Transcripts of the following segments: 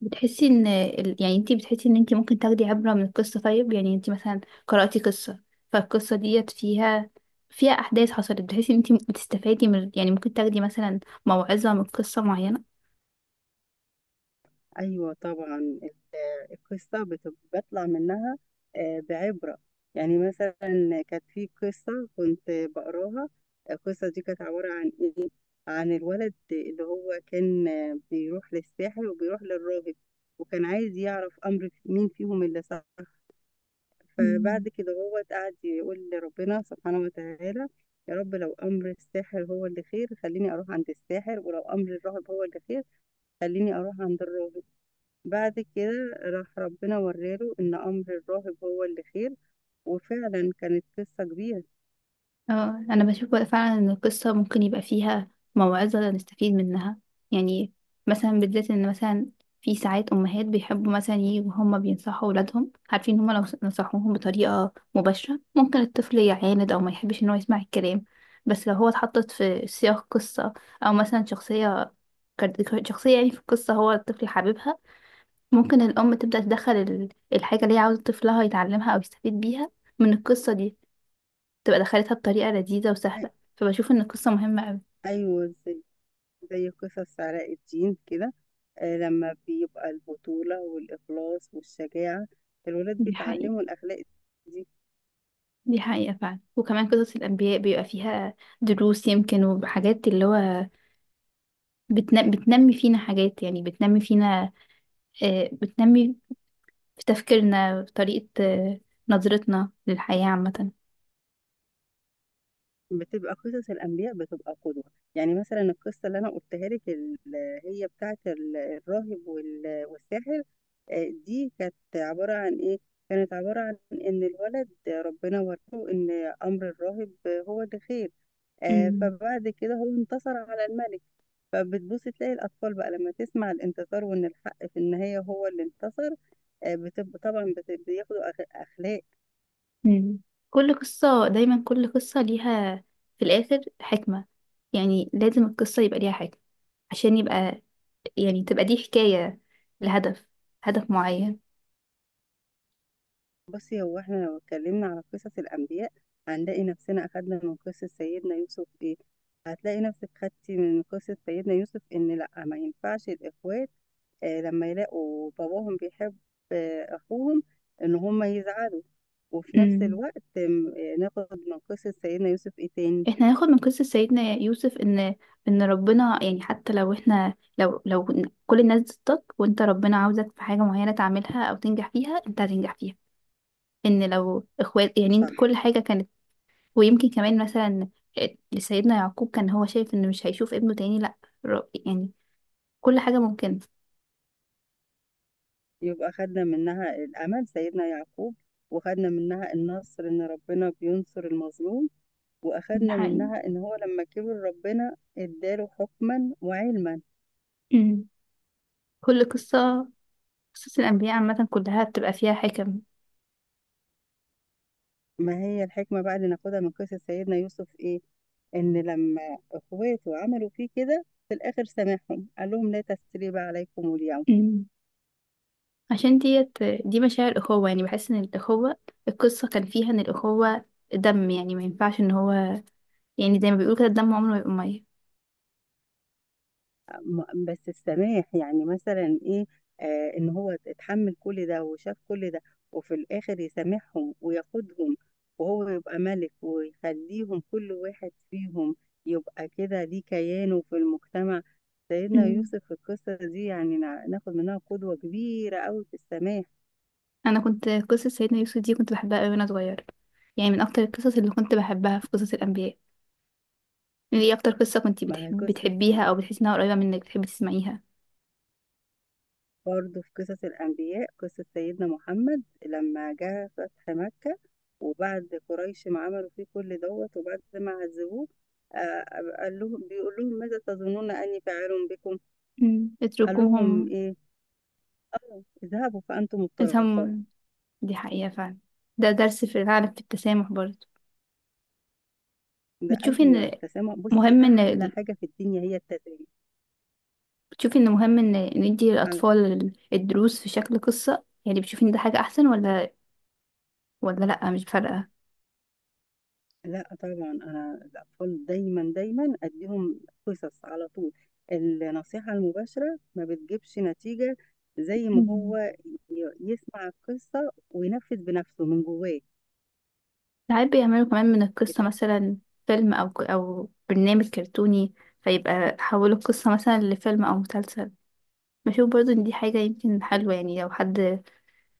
بتحسي ان يعني انتي بتحسي ان انتي ممكن تاخدي عبرة من القصة؟ طيب، يعني انتي مثلا قرأتي قصة فالقصة ديت فيها احداث حصلت، بتحسي ان انتي بتستفادي من، يعني ممكن تاخدي مثلا موعظة من قصة ايوه طبعا القصه بطلع منها بعبره. يعني مثلا كانت في قصه كنت بقراها. القصه دي كانت عباره عن ايه؟ عن الولد اللي هو كان بيروح للساحر وبيروح للراهب، وكان عايز يعرف امر مين فيهم اللي صح. معينة؟ فبعد كده هو قعد يقول لربنا سبحانه وتعالى: يا رب لو امر الساحر هو اللي خير خليني اروح عند الساحر، ولو امر الراهب هو اللي خير خليني اروح عند الراهب. بعد كده راح ربنا وراله إن أمر الراهب هو اللي خير، وفعلا كانت قصة كبيرة. اه، انا بشوف بقى فعلا ان القصه ممكن يبقى فيها موعظه نستفيد منها. يعني مثلا بالذات ان مثلا في ساعات امهات بيحبوا مثلا يجوا هما بينصحوا اولادهم، عارفين هما لو نصحوهم بطريقه مباشره ممكن الطفل يعاند او ما يحبش ان هو يسمع الكلام، بس لو هو اتحطت في سياق قصه او مثلا شخصيه شخصيه يعني في القصه هو الطفل حاببها، ممكن الام تبدا تدخل الحاجه اللي هي عاوزه طفلها يتعلمها او يستفيد بيها من القصه دي، تبقى دخلتها بطريقة لذيذة وسهلة. أي- فبشوف ان القصة مهمة قوي. أيوة زي قصص علاء الدين كده. لما بيبقى البطولة والإخلاص والشجاعة الولاد دي حقيقة. بيتعلموا الأخلاق. دي دي حقيقة فعلا، وكمان قصص الأنبياء بيبقى فيها دروس، يمكن وحاجات اللي هو بتنمي فينا حاجات، يعني بتنمي فينا، بتنمي في تفكيرنا، في طريقة، نظرتنا للحياة عامة. بتبقى قصص الأنبياء بتبقى قدوة. يعني مثلا القصة اللي أنا قلتها لك اللي هي بتاعة الراهب والساحر، دي كانت عبارة عن إيه؟ كانت عبارة عن إن الولد ربنا وراه إن أمر الراهب هو اللي خير. امم فبعد كده هو انتصر على الملك. فبتبص تلاقي الأطفال بقى لما تسمع الانتصار وإن الحق في النهاية هو اللي انتصر، بتبقى طبعا بياخدوا أخلاق. امم كل قصة دايما، كل قصة ليها في الآخر حكمة. يعني لازم القصة يبقى ليها حكمة عشان يبقى، يعني تبقى دي حكاية لهدف، هدف معين. بصي هو احنا لو اتكلمنا على قصص الأنبياء هنلاقي نفسنا أخدنا من قصة سيدنا يوسف إيه؟ هتلاقي نفسك خدتي من قصة سيدنا يوسف إن لأ ما ينفعش الإخوات آه لما يلاقوا باباهم بيحب آه أخوهم إن هما يزعلوا. وفي نفس امم الوقت آم، آه، ناخد من قصة سيدنا يوسف إيه تاني؟ احنا هناخد من قصة سيدنا يوسف ان، ان ربنا يعني حتى لو احنا لو كل الناس ضدك وانت ربنا عاوزك في حاجة معينة تعملها او تنجح فيها انت هتنجح فيها، ان لو اخوات يعني صح. كل حاجة كانت. ويمكن كمان مثلا سيدنا يعقوب كان هو شايف انه مش هيشوف ابنه تاني، لا، يعني كل حاجة ممكنة. يبقى خدنا منها الأمل سيدنا يعقوب، وخدنا منها النصر إن ربنا بينصر المظلوم، ده وأخدنا حقيقي. منها إن هو لما كبر ربنا اداله حكما وعلما. امم كل قصة، قصص الأنبياء عامة كلها بتبقى فيها حكم. ما هي الحكمة بقى اللي ناخدها من قصة سيدنا يوسف إيه؟ إن لما إخواته عملوا فيه كده في الآخر سامحهم، قال لهم لا تسريب عليكم اليوم. مم. عشان ديت، دي مشاعر أخوة، يعني بحس إن الأخوة، القصة كان فيها إن الأخوة دم، يعني ما ينفعش إن هو، يعني زي ما بيقولوا كده، الدم عمره ما يبقى مية. بس السماح يعني مثلا ايه؟ آه ان هو اتحمل كل ده وشاف كل ده وفي الاخر يسامحهم وياخدهم، وهو يبقى ملك ويخليهم كل واحد فيهم يبقى كده ليه كيانه في المجتمع. سيدنا مم. يوسف في القصة دي يعني ناخد منها قدوة كبيرة قوي في السماح. أنا كنت قصة سيدنا يوسف دي كنت بحبها أوي وأنا صغيرة، يعني من أكتر القصص اللي كنت بحبها في قصص الأنبياء. يعني إيه أكتر قصة كنت ما هي بتحب قصة بتحبيها أو بتحسي إنها قريبة منك بتحبي تسمعيها؟ برضه في قصص الأنبياء قصة سيدنا محمد لما جه فتح مكة، وبعد قريش ما عملوا فيه كل دوت وبعد ما عذبوه، آه، قال لهم بيقول لهم: ماذا تظنون أني فاعل بكم؟ مم. قال لهم اتركوهم. إيه؟ أو اذهبوا فأنتم الطلقاء. اتهم. دي حقيقة فعلا. ده درس في العالم في التسامح برضه. ده بتشوفي أيوه إن التسامح. بصي مهم إن أحلى حاجة في الدنيا هي التسامح. بتشوفي ان مهم ان ندي للاطفال الدروس في شكل قصة، يعني بتشوفي ان ده حاجة احسن ولا، ولا لا مش فارقة؟ لا طبعا انا الاطفال دايما دايما اديهم قصص على طول. النصيحه المباشره ما بتجيبش نتيجه، زي ما مم. هو يسمع القصه وينفذ بنفسه من جواه. ساعات بيعملوا كمان من القصة بتبقى مثلا فيلم او او برنامج كرتوني، فيبقى حولوا القصة مثلا لفيلم او مسلسل. بشوف برضو ان دي حاجة يمكن حلوة، يعني لو حد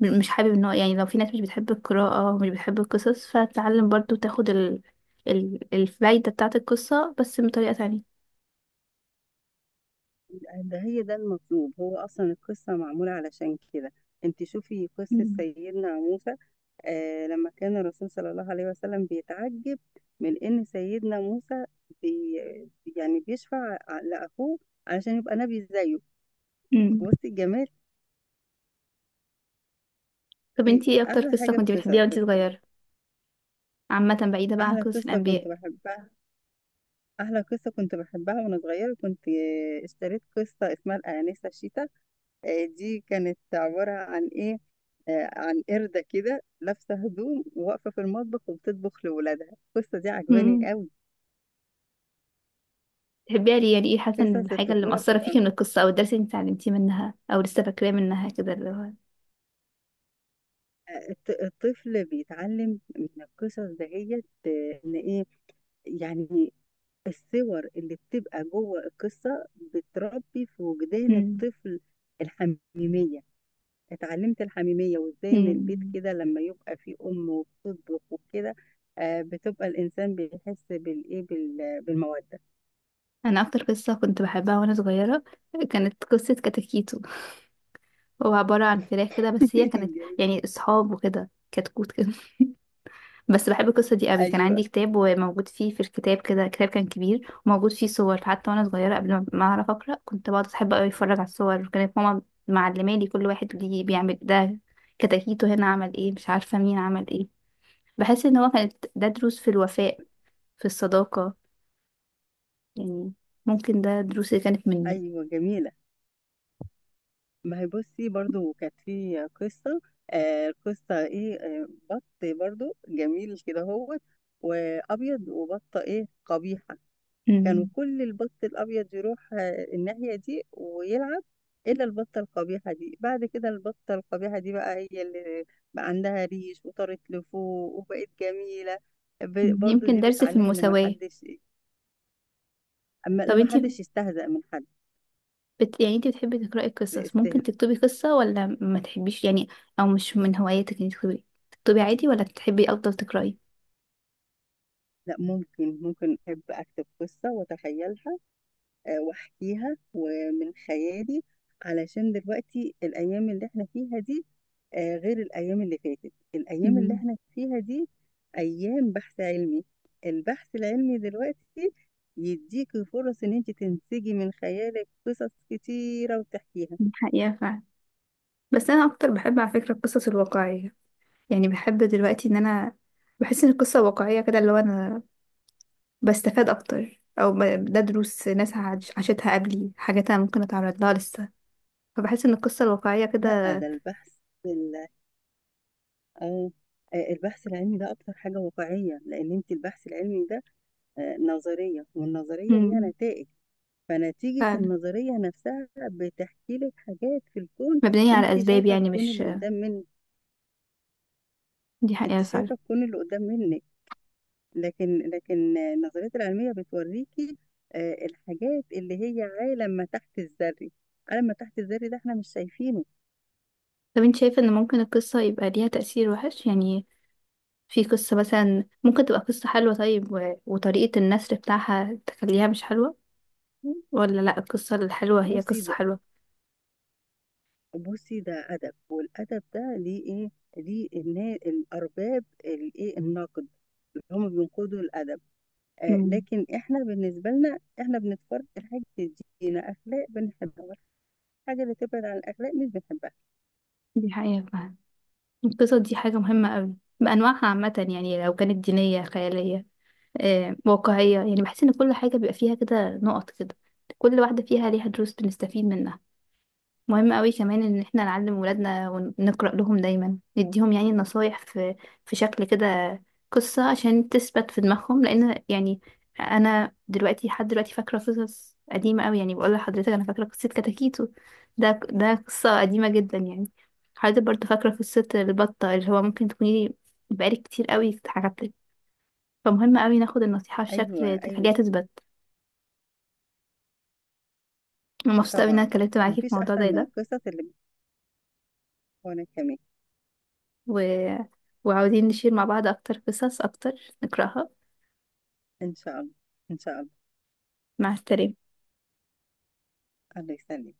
مش حابب ان هو، يعني لو في ناس مش بتحب القراءة ومش بتحب القصص، فتتعلم برضو تاخد الفايدة بتاعة القصة بس بطريقة تانية. ده هي ده المطلوب، هو اصلا القصه معموله علشان كده. انت شوفي قصه مم. سيدنا موسى، آه لما كان الرسول صلى الله عليه وسلم بيتعجب من ان سيدنا موسى بي يعني بيشفع لاخوه علشان يبقى نبي زيه. مم. بصي الجمال. طب إيه انتي ايه اكتر احلى قصة حاجه كنتي في بتحبيها قصص وانتي صغيرة، عامة بعيدة بقى عن احلى قصص قصه الأنبياء؟ كنت بحبها. احلى قصه كنت بحبها وانا صغيره كنت اشتريت قصه اسمها الانسه الشيتا. دي كانت عباره عن ايه؟ عن قرده كده لابسه هدوم وواقفه في المطبخ وبتطبخ لاولادها. القصه دي عجباني مم. قوي. تحبيها ليه؟ يعني ايه حاسة ان قصص الحاجة اللي الطفوله مأثرة بتبقى فيكي من القصة أو الدرس اللي انت اتعلمتيه منها أو لسه فاكراه منها كده اللي هو؟ الطفل بيتعلم من القصص دهيت ان ايه؟ يعني الصور اللي بتبقى جوه القصة بتربي في وجدان مم. الطفل الحميمية. اتعلمت الحميمية وازاي ان البيت مم. كده لما يبقى فيه أم وبتطبخ وكده، بتبقى الإنسان بيحس بالإيه بالمودة. أنا أكتر قصة كنت بحبها وأنا صغيرة كانت قصة كتاكيتو. هو عبارة عن فراخ كده، بس هي كانت جميل. يعني أصحاب وكده، كتكوت كده. بس بحب القصة دي قوي، كان أيوه عندي كتاب وموجود فيه، في الكتاب كده كتاب كان كبير وموجود فيه صور، حتى وانا صغيرة قبل ما اعرف اقرأ كنت بقعد احب قوي اتفرج على الصور، وكانت ماما معلمة لي كل واحد ليه بيعمل ده، كتاكيته هنا عمل ايه، مش عارفة مين عمل ايه. بحس ان هو كانت ده دروس في الوفاء، في الصداقة، يعني ممكن ده دروس اللي كانت مني. أيوه جميلة. ما هي بصي برضو كانت في قصة قصة إيه آه، بط برضو جميل كده هو وأبيض وبطة إيه قبيحة. كانوا مم. كل البط الأبيض يروح الناحية دي ويلعب إلا البطة القبيحة دي. بعد كده البطة القبيحة دي بقى هي اللي بقى عندها ريش وطارت لفوق وبقت جميلة. برضو يمكن دي درس في بتعلم إن ما المساواة. حدش، أما طب لما انتي حدش يستهزأ من حد. يعني انت بتحبي تقرأي قصص، ممكن استهزاء. تكتبي قصة ولا ما تحبيش، يعني او مش من هواياتك انك تكتبي، تكتبي عادي ولا بتحبي افضل تقرأي؟ لا ممكن ممكن أحب أكتب قصة وأتخيلها، واحكيها ومن خيالي، علشان دلوقتي الايام اللي احنا فيها دي غير الايام اللي فاتت. الايام اللي امم احنا فيها دي ايام بحث علمي. البحث العلمي دلوقتي يديك فرص ان انت تنسجي من خيالك قصص كتيرة وتحكيها. الحقيقة فعلا. بس انا اكتر بحب على فكرة القصص الواقعية، يعني بحب دلوقتي ان انا بحس ان القصة واقعية كده اللي هو انا بستفاد اكتر او ده دروس ناس عاشتها قبلي، حاجات انا ممكن اتعرض لها لسه، فبحس ان القصة الواقعية لا كده. ده البحث ال- اه البحث العلمي ده اكتر حاجة واقعية، لان انت البحث العلمي ده نظرية، والنظرية ليها امم نتائج، فنتيجة فعلا النظرية نفسها بتحكي لك حاجات في الكون. مبنية على انت اسباب شايفة يعني الكون مش. اللي قدام من دي حقيقة انت فعلا. شايفة الكون اللي قدام منك، لكن النظريات العلمية بتوريكي الحاجات اللي هي عالم ما تحت الذري. عالم ما تحت الذري ده احنا مش شايفينه. طب انت شايفة ان ممكن القصة يبقى ليها تأثير وحش؟ يعني في قصة مثلا ممكن تبقى قصة حلوة طيب وطريقة النثر بتاعها تخليها مش حلوة، ولا لا القصة الحلوة هي بصي قصة ده حلوة؟ بصي ده أدب، والأدب ده ليه ايه؟ ليه الأرباب النقد اللي هم بينقدوا الأدب. امم لكن احنا بالنسبة لنا احنا بنتفرج الحاجة اللي تدينا اخلاق بنحبها، والحاجة اللي تبعد عن الاخلاق مش بنحبها. دي حقيقة فعلا. القصة دي حاجة مهمة قوي بأنواعها عامة، يعني لو كانت دينية، خيالية، واقعية، يعني بحس ان كل حاجة بيبقى فيها كده نقط كده، كل واحدة فيها ليها دروس بنستفيد منها. مهم قوي كمان ان احنا نعلم ولادنا ونقرأ لهم دايما، نديهم يعني النصايح في شكل كده، قصة عشان تثبت في دماغهم، لان يعني انا دلوقتي لحد دلوقتي فاكرة قصص قديمة قوي، يعني بقول لحضرتك انا فاكرة قصة كتاكيتو، ده قصة قديمة جدا يعني، حضرتك برضه فاكرة قصة البطة اللي هو ممكن تكوني بقالك كتير قوي اتحكت لك. فمهم قوي ناخد النصيحة ايوه بشكل ايوه تخليها تثبت. أنا مبسوطة قوي ان طبعا. انا اتكلمت معاكي في مفيش موضوع احسن زي من ده. القصص اللي وانا كمان. و... وعاوزين نشير مع بعض أكتر قصص أكتر نقرأها. ان شاء الله، ان شاء الله. مع السلامة. الله يسلمك.